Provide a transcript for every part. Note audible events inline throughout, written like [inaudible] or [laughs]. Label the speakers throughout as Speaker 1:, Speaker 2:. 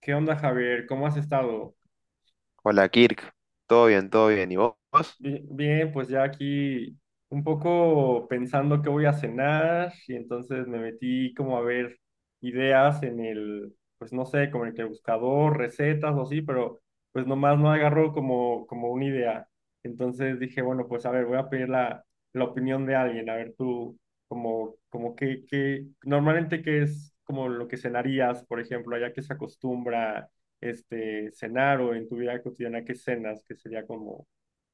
Speaker 1: ¿Qué onda, Javier? ¿Cómo has estado?
Speaker 2: Hola Kirk, todo bien, todo bien. ¿Y vos?
Speaker 1: Bien, pues ya aquí un poco pensando qué voy a cenar y entonces me metí como a ver ideas pues no sé, como en el que buscador, recetas o así, pero pues nomás no agarró como una idea. Entonces dije, bueno, pues a ver, voy a pedir la, opinión de alguien, a ver tú, como qué normalmente qué es como lo que cenarías, por ejemplo, allá que se acostumbra cenar o en tu vida cotidiana qué cenas, que sería como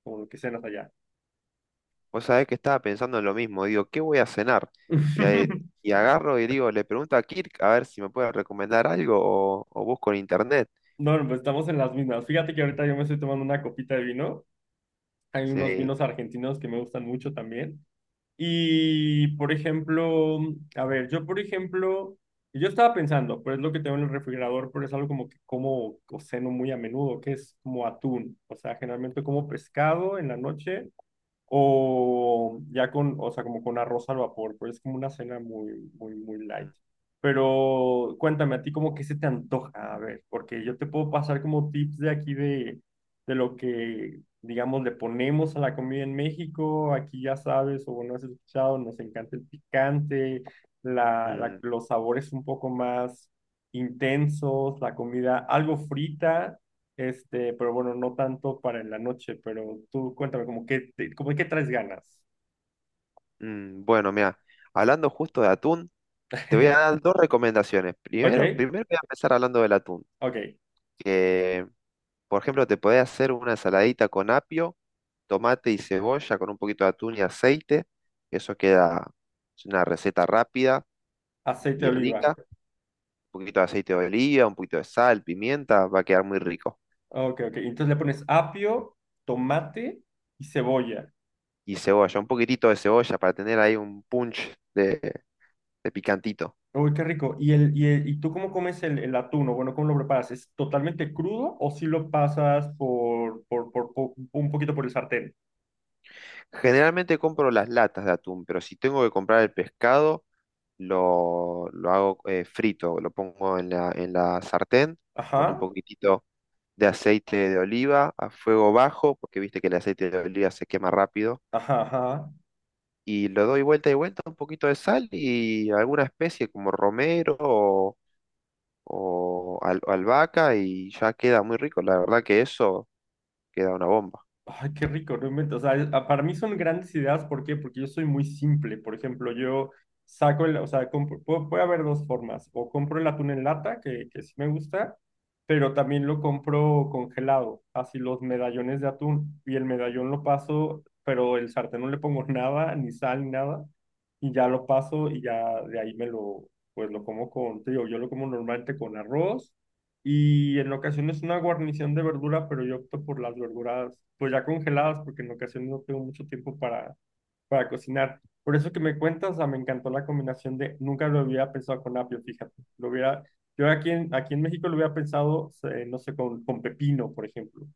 Speaker 1: como lo que cenas allá.
Speaker 2: Vos sabés que estaba pensando en lo mismo. Digo, ¿qué voy a cenar? Y, ahí-
Speaker 1: [laughs]
Speaker 2: y agarro y digo, le pregunto a Kirk a ver si me puede recomendar algo o busco en internet.
Speaker 1: No, no, pues estamos en las mismas. Fíjate que ahorita yo me estoy tomando una copita de vino. Hay unos
Speaker 2: Sí.
Speaker 1: vinos argentinos que me gustan mucho también. Y, por ejemplo, a ver, yo, por ejemplo, yo estaba pensando, pero es lo que tengo en el refrigerador, pero es algo como que como o ceno muy a menudo, que es como atún. O sea, generalmente como pescado en la noche o ya con, o sea, como con arroz al vapor, pero es como una cena muy, muy, muy light.
Speaker 2: Mm,
Speaker 1: Pero cuéntame, a ti como que se te antoja, a ver, porque yo te puedo pasar como tips de aquí de lo que, digamos, le ponemos a la comida en México, aquí ya sabes, o no has escuchado, nos encanta el picante, la, la-
Speaker 2: mm,
Speaker 1: los sabores un poco más intensos, la comida algo frita pero bueno, no tanto para en la noche, pero tú cuéntame, como que traes ganas.
Speaker 2: mm. Bueno, mira, hablando justo de atún, te voy a
Speaker 1: [laughs]
Speaker 2: dar dos recomendaciones.
Speaker 1: ¿Ok?
Speaker 2: Primero voy a empezar hablando del atún.
Speaker 1: Ok.
Speaker 2: Que, por ejemplo, te podés hacer una ensaladita con apio, tomate y cebolla con un poquito de atún y aceite. Eso queda, es una receta rápida
Speaker 1: Aceite de
Speaker 2: y
Speaker 1: oliva.
Speaker 2: rica. Un poquito de aceite de oliva, un poquito de sal, pimienta, va a quedar muy rico.
Speaker 1: Ok, ok. Entonces le pones apio, tomate y cebolla.
Speaker 2: Y cebolla, un poquitito de cebolla para tener ahí un punch de picantito.
Speaker 1: Uy, qué rico. ¿Y tú cómo comes el atún? O bueno, ¿cómo lo preparas? ¿Es totalmente crudo o si lo pasas por un poquito por el sartén?
Speaker 2: Generalmente compro las latas de atún, pero si tengo que comprar el pescado, lo hago frito, lo pongo en la sartén con un
Speaker 1: Ajá,
Speaker 2: poquitito de aceite de oliva a fuego bajo, porque viste que el aceite de oliva se quema rápido.
Speaker 1: ajá, ajá.
Speaker 2: Y lo doy vuelta y vuelta, un poquito de sal y alguna especie como romero o albahaca y ya queda muy rico. La verdad que eso queda una bomba.
Speaker 1: Ay, qué rico, no invento. O sea, para mí son grandes ideas. ¿Por qué? Porque yo soy muy simple. Por ejemplo, yo saco el, o sea, puede haber dos formas. O compro el atún en lata, que sí me gusta, pero también lo compro congelado. Así los medallones de atún. Y el medallón lo paso, pero el sartén no le pongo [laughs] nada, ni sal, ni nada. Y ya lo paso y ya de ahí me lo, pues lo como con, te digo, yo lo como normalmente con arroz y en ocasiones una guarnición de verdura, pero yo opto por las verduras, pues ya congeladas, porque en ocasiones no tengo mucho tiempo para cocinar. Por eso que me cuentas, o sea, me encantó la combinación de, nunca lo hubiera pensado con apio, fíjate. Lo hubiera, yo aquí aquí en México lo hubiera pensado, no sé, con pepino, por ejemplo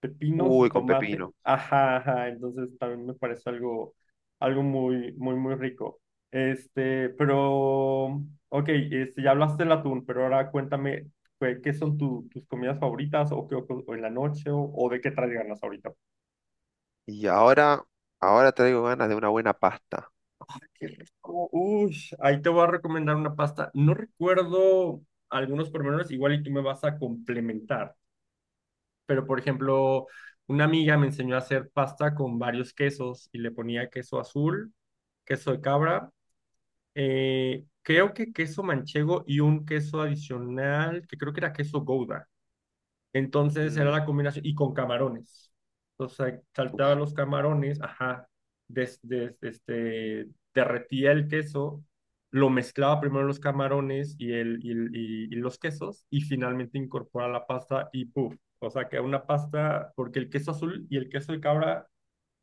Speaker 1: pepino,
Speaker 2: Uy, con
Speaker 1: jitomate.
Speaker 2: pepino.
Speaker 1: Ajá, ajá. Entonces también me parece algo muy, muy, muy rico. Pero, ok, ya hablaste del atún, pero ahora cuéntame pues, qué son tus comidas favoritas o, qué, o en la noche o de qué traes ganas ahorita.
Speaker 2: Y ahora traigo ganas de una buena pasta.
Speaker 1: Qué rico. Uy, ahí te voy a recomendar una pasta. No recuerdo algunos pormenores, igual y tú me vas a complementar, pero por ejemplo, una amiga me enseñó a hacer pasta con varios quesos y le ponía queso azul, queso de cabra, creo que queso manchego y un queso adicional, que creo que era queso gouda. Entonces era
Speaker 2: Mm,
Speaker 1: la combinación, y con camarones. Entonces saltaba los camarones, ajá, des- des- este, derretía el queso, lo mezclaba primero los camarones y los quesos, y finalmente incorpora la pasta y ¡puf! O sea, que una pasta, porque el queso azul y el queso de cabra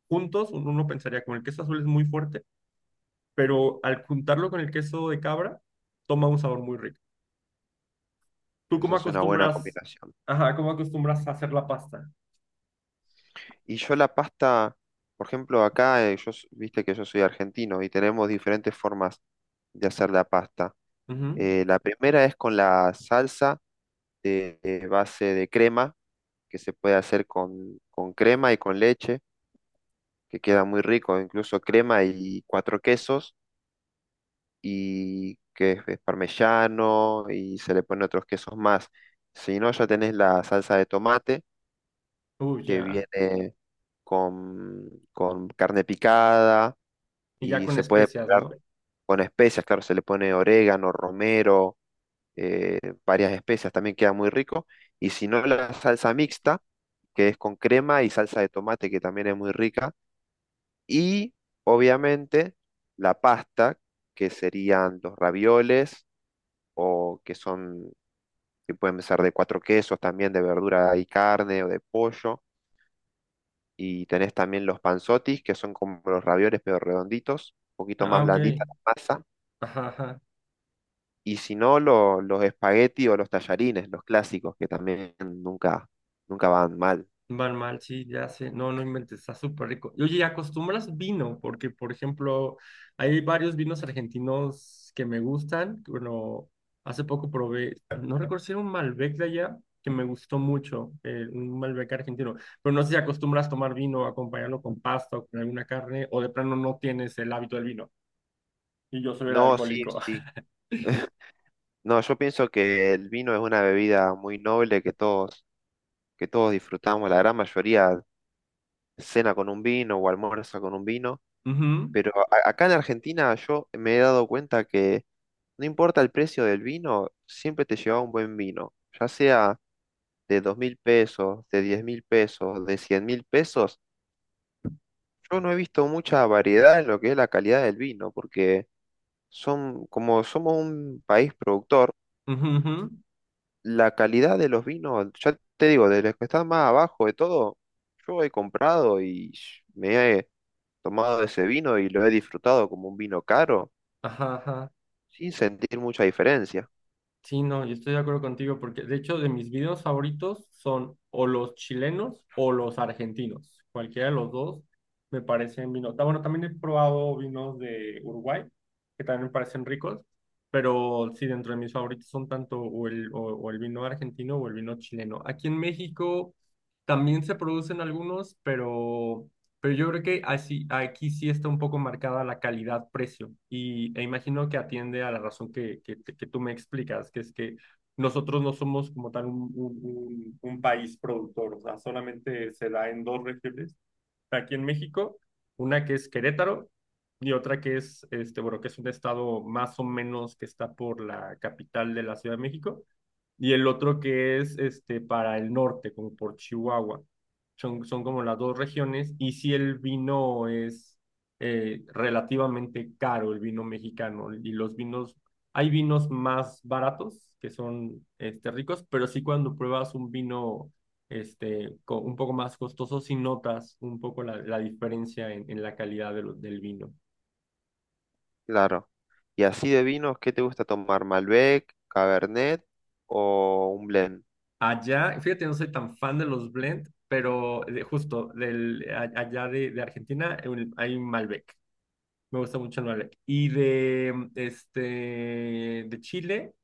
Speaker 1: juntos, uno pensaría, como el queso azul es muy fuerte, pero al juntarlo con el queso de cabra, toma un sabor muy rico. ¿Tú
Speaker 2: Esa
Speaker 1: cómo
Speaker 2: es una buena
Speaker 1: acostumbras,
Speaker 2: combinación.
Speaker 1: ajá, cómo acostumbras a hacer la pasta?
Speaker 2: Y yo la pasta, por ejemplo, acá, viste que yo soy argentino y tenemos diferentes formas de hacer la pasta.
Speaker 1: Ujú.
Speaker 2: La primera es con la salsa de base de crema, que se puede hacer con crema y con leche, que queda muy rico, incluso crema y cuatro quesos. Y que es parmesano y se le ponen otros quesos más. Si no, ya tenés la salsa de tomate
Speaker 1: Uy
Speaker 2: que
Speaker 1: ya.
Speaker 2: viene con carne picada
Speaker 1: Y ya
Speaker 2: y
Speaker 1: con
Speaker 2: se puede
Speaker 1: especias,
Speaker 2: preparar
Speaker 1: ¿no?
Speaker 2: con especias, claro, se le pone orégano, romero, eh, varias especias, también queda muy rico. Y si no, la salsa mixta, que es con crema y salsa de tomate, que también es muy rica. Y obviamente la pasta, que serían los ravioles o que son, que pueden ser de cuatro quesos también, de verdura y carne o de pollo. Y tenés también los panzotis, que son como los ravioles, pero redonditos, un poquito más
Speaker 1: Ah, ok.
Speaker 2: blandita la masa.
Speaker 1: Ajá, ajá.
Speaker 2: Y si no, los espagueti o los tallarines, los clásicos, que también nunca, nunca van mal.
Speaker 1: Van mal, sí, ya sé. No, no inventes, está súper rico. Y oye, ¿y acostumbras vino? Porque, por ejemplo, hay varios vinos argentinos que me gustan. Bueno, hace poco probé, no recuerdo si era un Malbec de allá, que me gustó mucho, un Malbec argentino. Pero no sé si acostumbras tomar vino, acompañarlo con pasta o con alguna carne, o de plano no tienes el hábito del vino. Y yo soy el
Speaker 2: No, sí,
Speaker 1: alcohólico.
Speaker 2: sí. No, yo pienso que el vino es una bebida muy noble que todos disfrutamos. La gran mayoría cena con un vino o almuerza con un vino.
Speaker 1: [laughs] Ujú,
Speaker 2: Pero acá en Argentina yo me he dado cuenta que no importa el precio del vino, siempre te llevaba un buen vino, ya sea de 2.000 pesos, de 10.000 pesos, de 100.000 pesos. Yo no he visto mucha variedad en lo que es la calidad del vino, porque son, como somos un país productor,
Speaker 1: ujú, ujú.
Speaker 2: la calidad de los vinos, ya te digo, de los que están más abajo de todo, yo he comprado y me he tomado ese vino y lo he disfrutado como un vino caro
Speaker 1: Ajá, ajá.
Speaker 2: sin sentir mucha diferencia,
Speaker 1: Sí, no, yo estoy de acuerdo contigo porque de hecho de mis videos favoritos son o los chilenos o los argentinos. Cualquiera de los dos me parecen vinos. Ah, bueno, también he probado vinos de Uruguay que también me parecen ricos, pero sí, dentro de mis favoritos son tanto o el vino argentino o el vino chileno. Aquí en México también se producen algunos, pero yo creo que así, aquí sí está un poco marcada la calidad-precio e imagino que atiende a la razón que tú me explicas, que es que nosotros no somos como tal un país productor, o sea, solamente se da en dos regiones, aquí en México, una que es Querétaro y otra que es, bueno, que es un estado más o menos que está por la capital de la Ciudad de México y el otro que es para el norte, como por Chihuahua. Son como las dos regiones, y si el vino es relativamente caro, el vino mexicano, y los vinos, hay vinos más baratos que son ricos, pero sí cuando pruebas un vino un poco más costoso, sí notas un poco la diferencia en la calidad de del vino.
Speaker 2: claro. Y así de vinos, ¿qué te gusta tomar? ¿Malbec, Cabernet o un blend?
Speaker 1: Allá, fíjate, no soy tan fan de los blend, pero justo allá de Argentina hay Malbec. Me gusta mucho el Malbec. Y de Chile,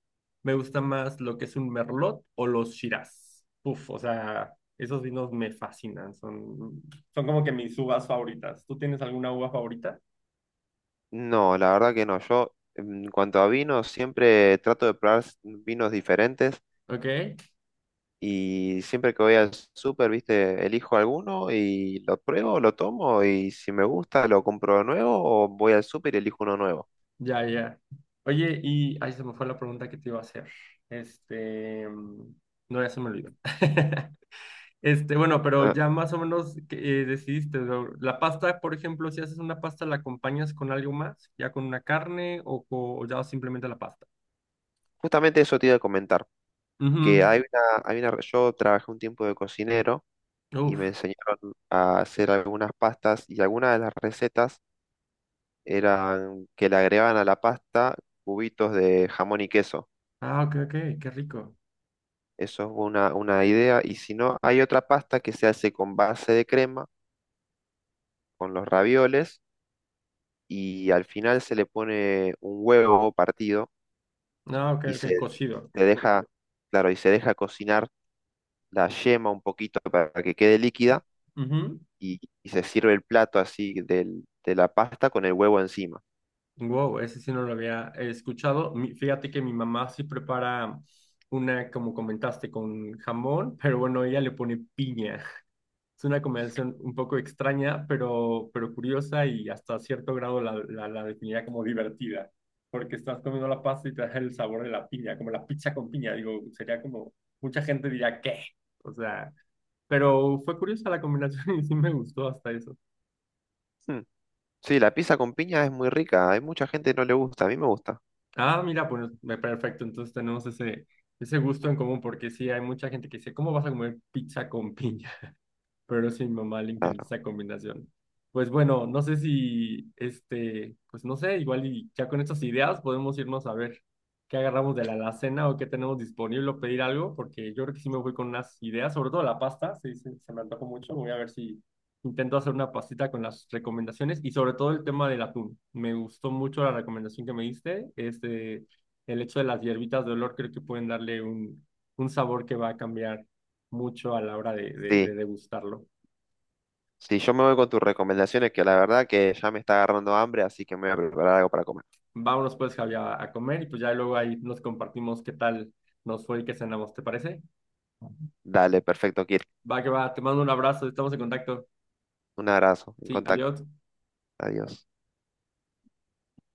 Speaker 1: me gusta más lo que es un Merlot o los Shiraz. Uf, o sea, esos vinos me fascinan. Son como que mis uvas favoritas. ¿Tú tienes alguna uva favorita?
Speaker 2: No, la verdad que no. Yo, en cuanto a vinos, siempre trato de probar vinos diferentes
Speaker 1: Ok,
Speaker 2: y siempre que voy al súper, viste, elijo alguno y lo pruebo, lo tomo y si me gusta, lo compro de nuevo o voy al súper y elijo uno nuevo.
Speaker 1: ya, ya. Oye, y ahí se me fue la pregunta que te iba a hacer. Este, mm, no, ya se me olvidó. [laughs] Bueno, pero
Speaker 2: Ah,
Speaker 1: ya más o menos que, decidiste, ¿no? La pasta, por ejemplo, si haces una pasta, ¿la acompañas con algo más? ¿Ya con una carne o ya simplemente la pasta?
Speaker 2: justamente eso te iba a comentar, que
Speaker 1: Ujú.
Speaker 2: hay una, yo trabajé un tiempo de cocinero. Y
Speaker 1: Uf.
Speaker 2: me enseñaron a hacer algunas pastas y algunas de las recetas eran que le agregaban a la pasta cubitos de jamón y queso.
Speaker 1: Ah, ok, ok, qué rico.
Speaker 2: Eso es una idea. Y si no, hay otra pasta que se hace con base de crema, con los ravioles, y al final se le pone un huevo partido
Speaker 1: Ah, ok,
Speaker 2: y
Speaker 1: ok,
Speaker 2: se,
Speaker 1: cocido.
Speaker 2: se deja, claro, y se deja cocinar la yema un poquito para que quede líquida
Speaker 1: Ujú.
Speaker 2: y se sirve el plato así de la pasta con el huevo encima.
Speaker 1: Wow, ese sí no lo había escuchado. Fíjate que mi mamá sí prepara una, como comentaste, con jamón, pero bueno, ella le pone piña. Es una combinación un poco extraña, pero curiosa y hasta cierto grado la definiría como divertida, porque estás comiendo la pasta y te da el sabor de la piña, como la pizza con piña, digo, sería como, mucha gente diría, ¿qué? O sea, pero fue curiosa la combinación [laughs] y sí me gustó hasta eso.
Speaker 2: Sí, la pizza con piña es muy rica. Hay mucha gente que no le gusta. A mí me gusta.
Speaker 1: Ah, mira, pues perfecto, entonces tenemos ese, gusto en común, porque sí hay mucha gente que dice, ¿cómo vas a comer pizza con piña. Pero sí, a mi mamá le encanta
Speaker 2: Claro.
Speaker 1: esa combinación. Pues bueno, no sé si, pues no sé, igual y ya con estas ideas podemos irnos a ver qué agarramos de la alacena o qué tenemos disponible o pedir algo, porque yo creo que sí me voy con unas ideas, sobre todo la pasta, sí, se me antojó mucho, voy a ver si intento hacer una pastita con las recomendaciones y sobre todo el tema del atún. Me gustó mucho la recomendación que me diste, el hecho de las hierbitas de olor creo que pueden darle un, sabor que va a cambiar mucho a la hora de
Speaker 2: Sí,
Speaker 1: degustarlo.
Speaker 2: sí, yo me voy con tus recomendaciones, que la verdad que ya me está agarrando hambre, así que me voy a preparar algo para comer.
Speaker 1: Vámonos pues, Javi, a comer y pues ya luego ahí nos compartimos qué tal nos fue y qué cenamos, ¿te parece?
Speaker 2: Dale, perfecto, Kirk.
Speaker 1: Va que va, te mando un abrazo, estamos en contacto.
Speaker 2: Un abrazo, en
Speaker 1: Sí,
Speaker 2: contacto.
Speaker 1: adiós.
Speaker 2: Adiós.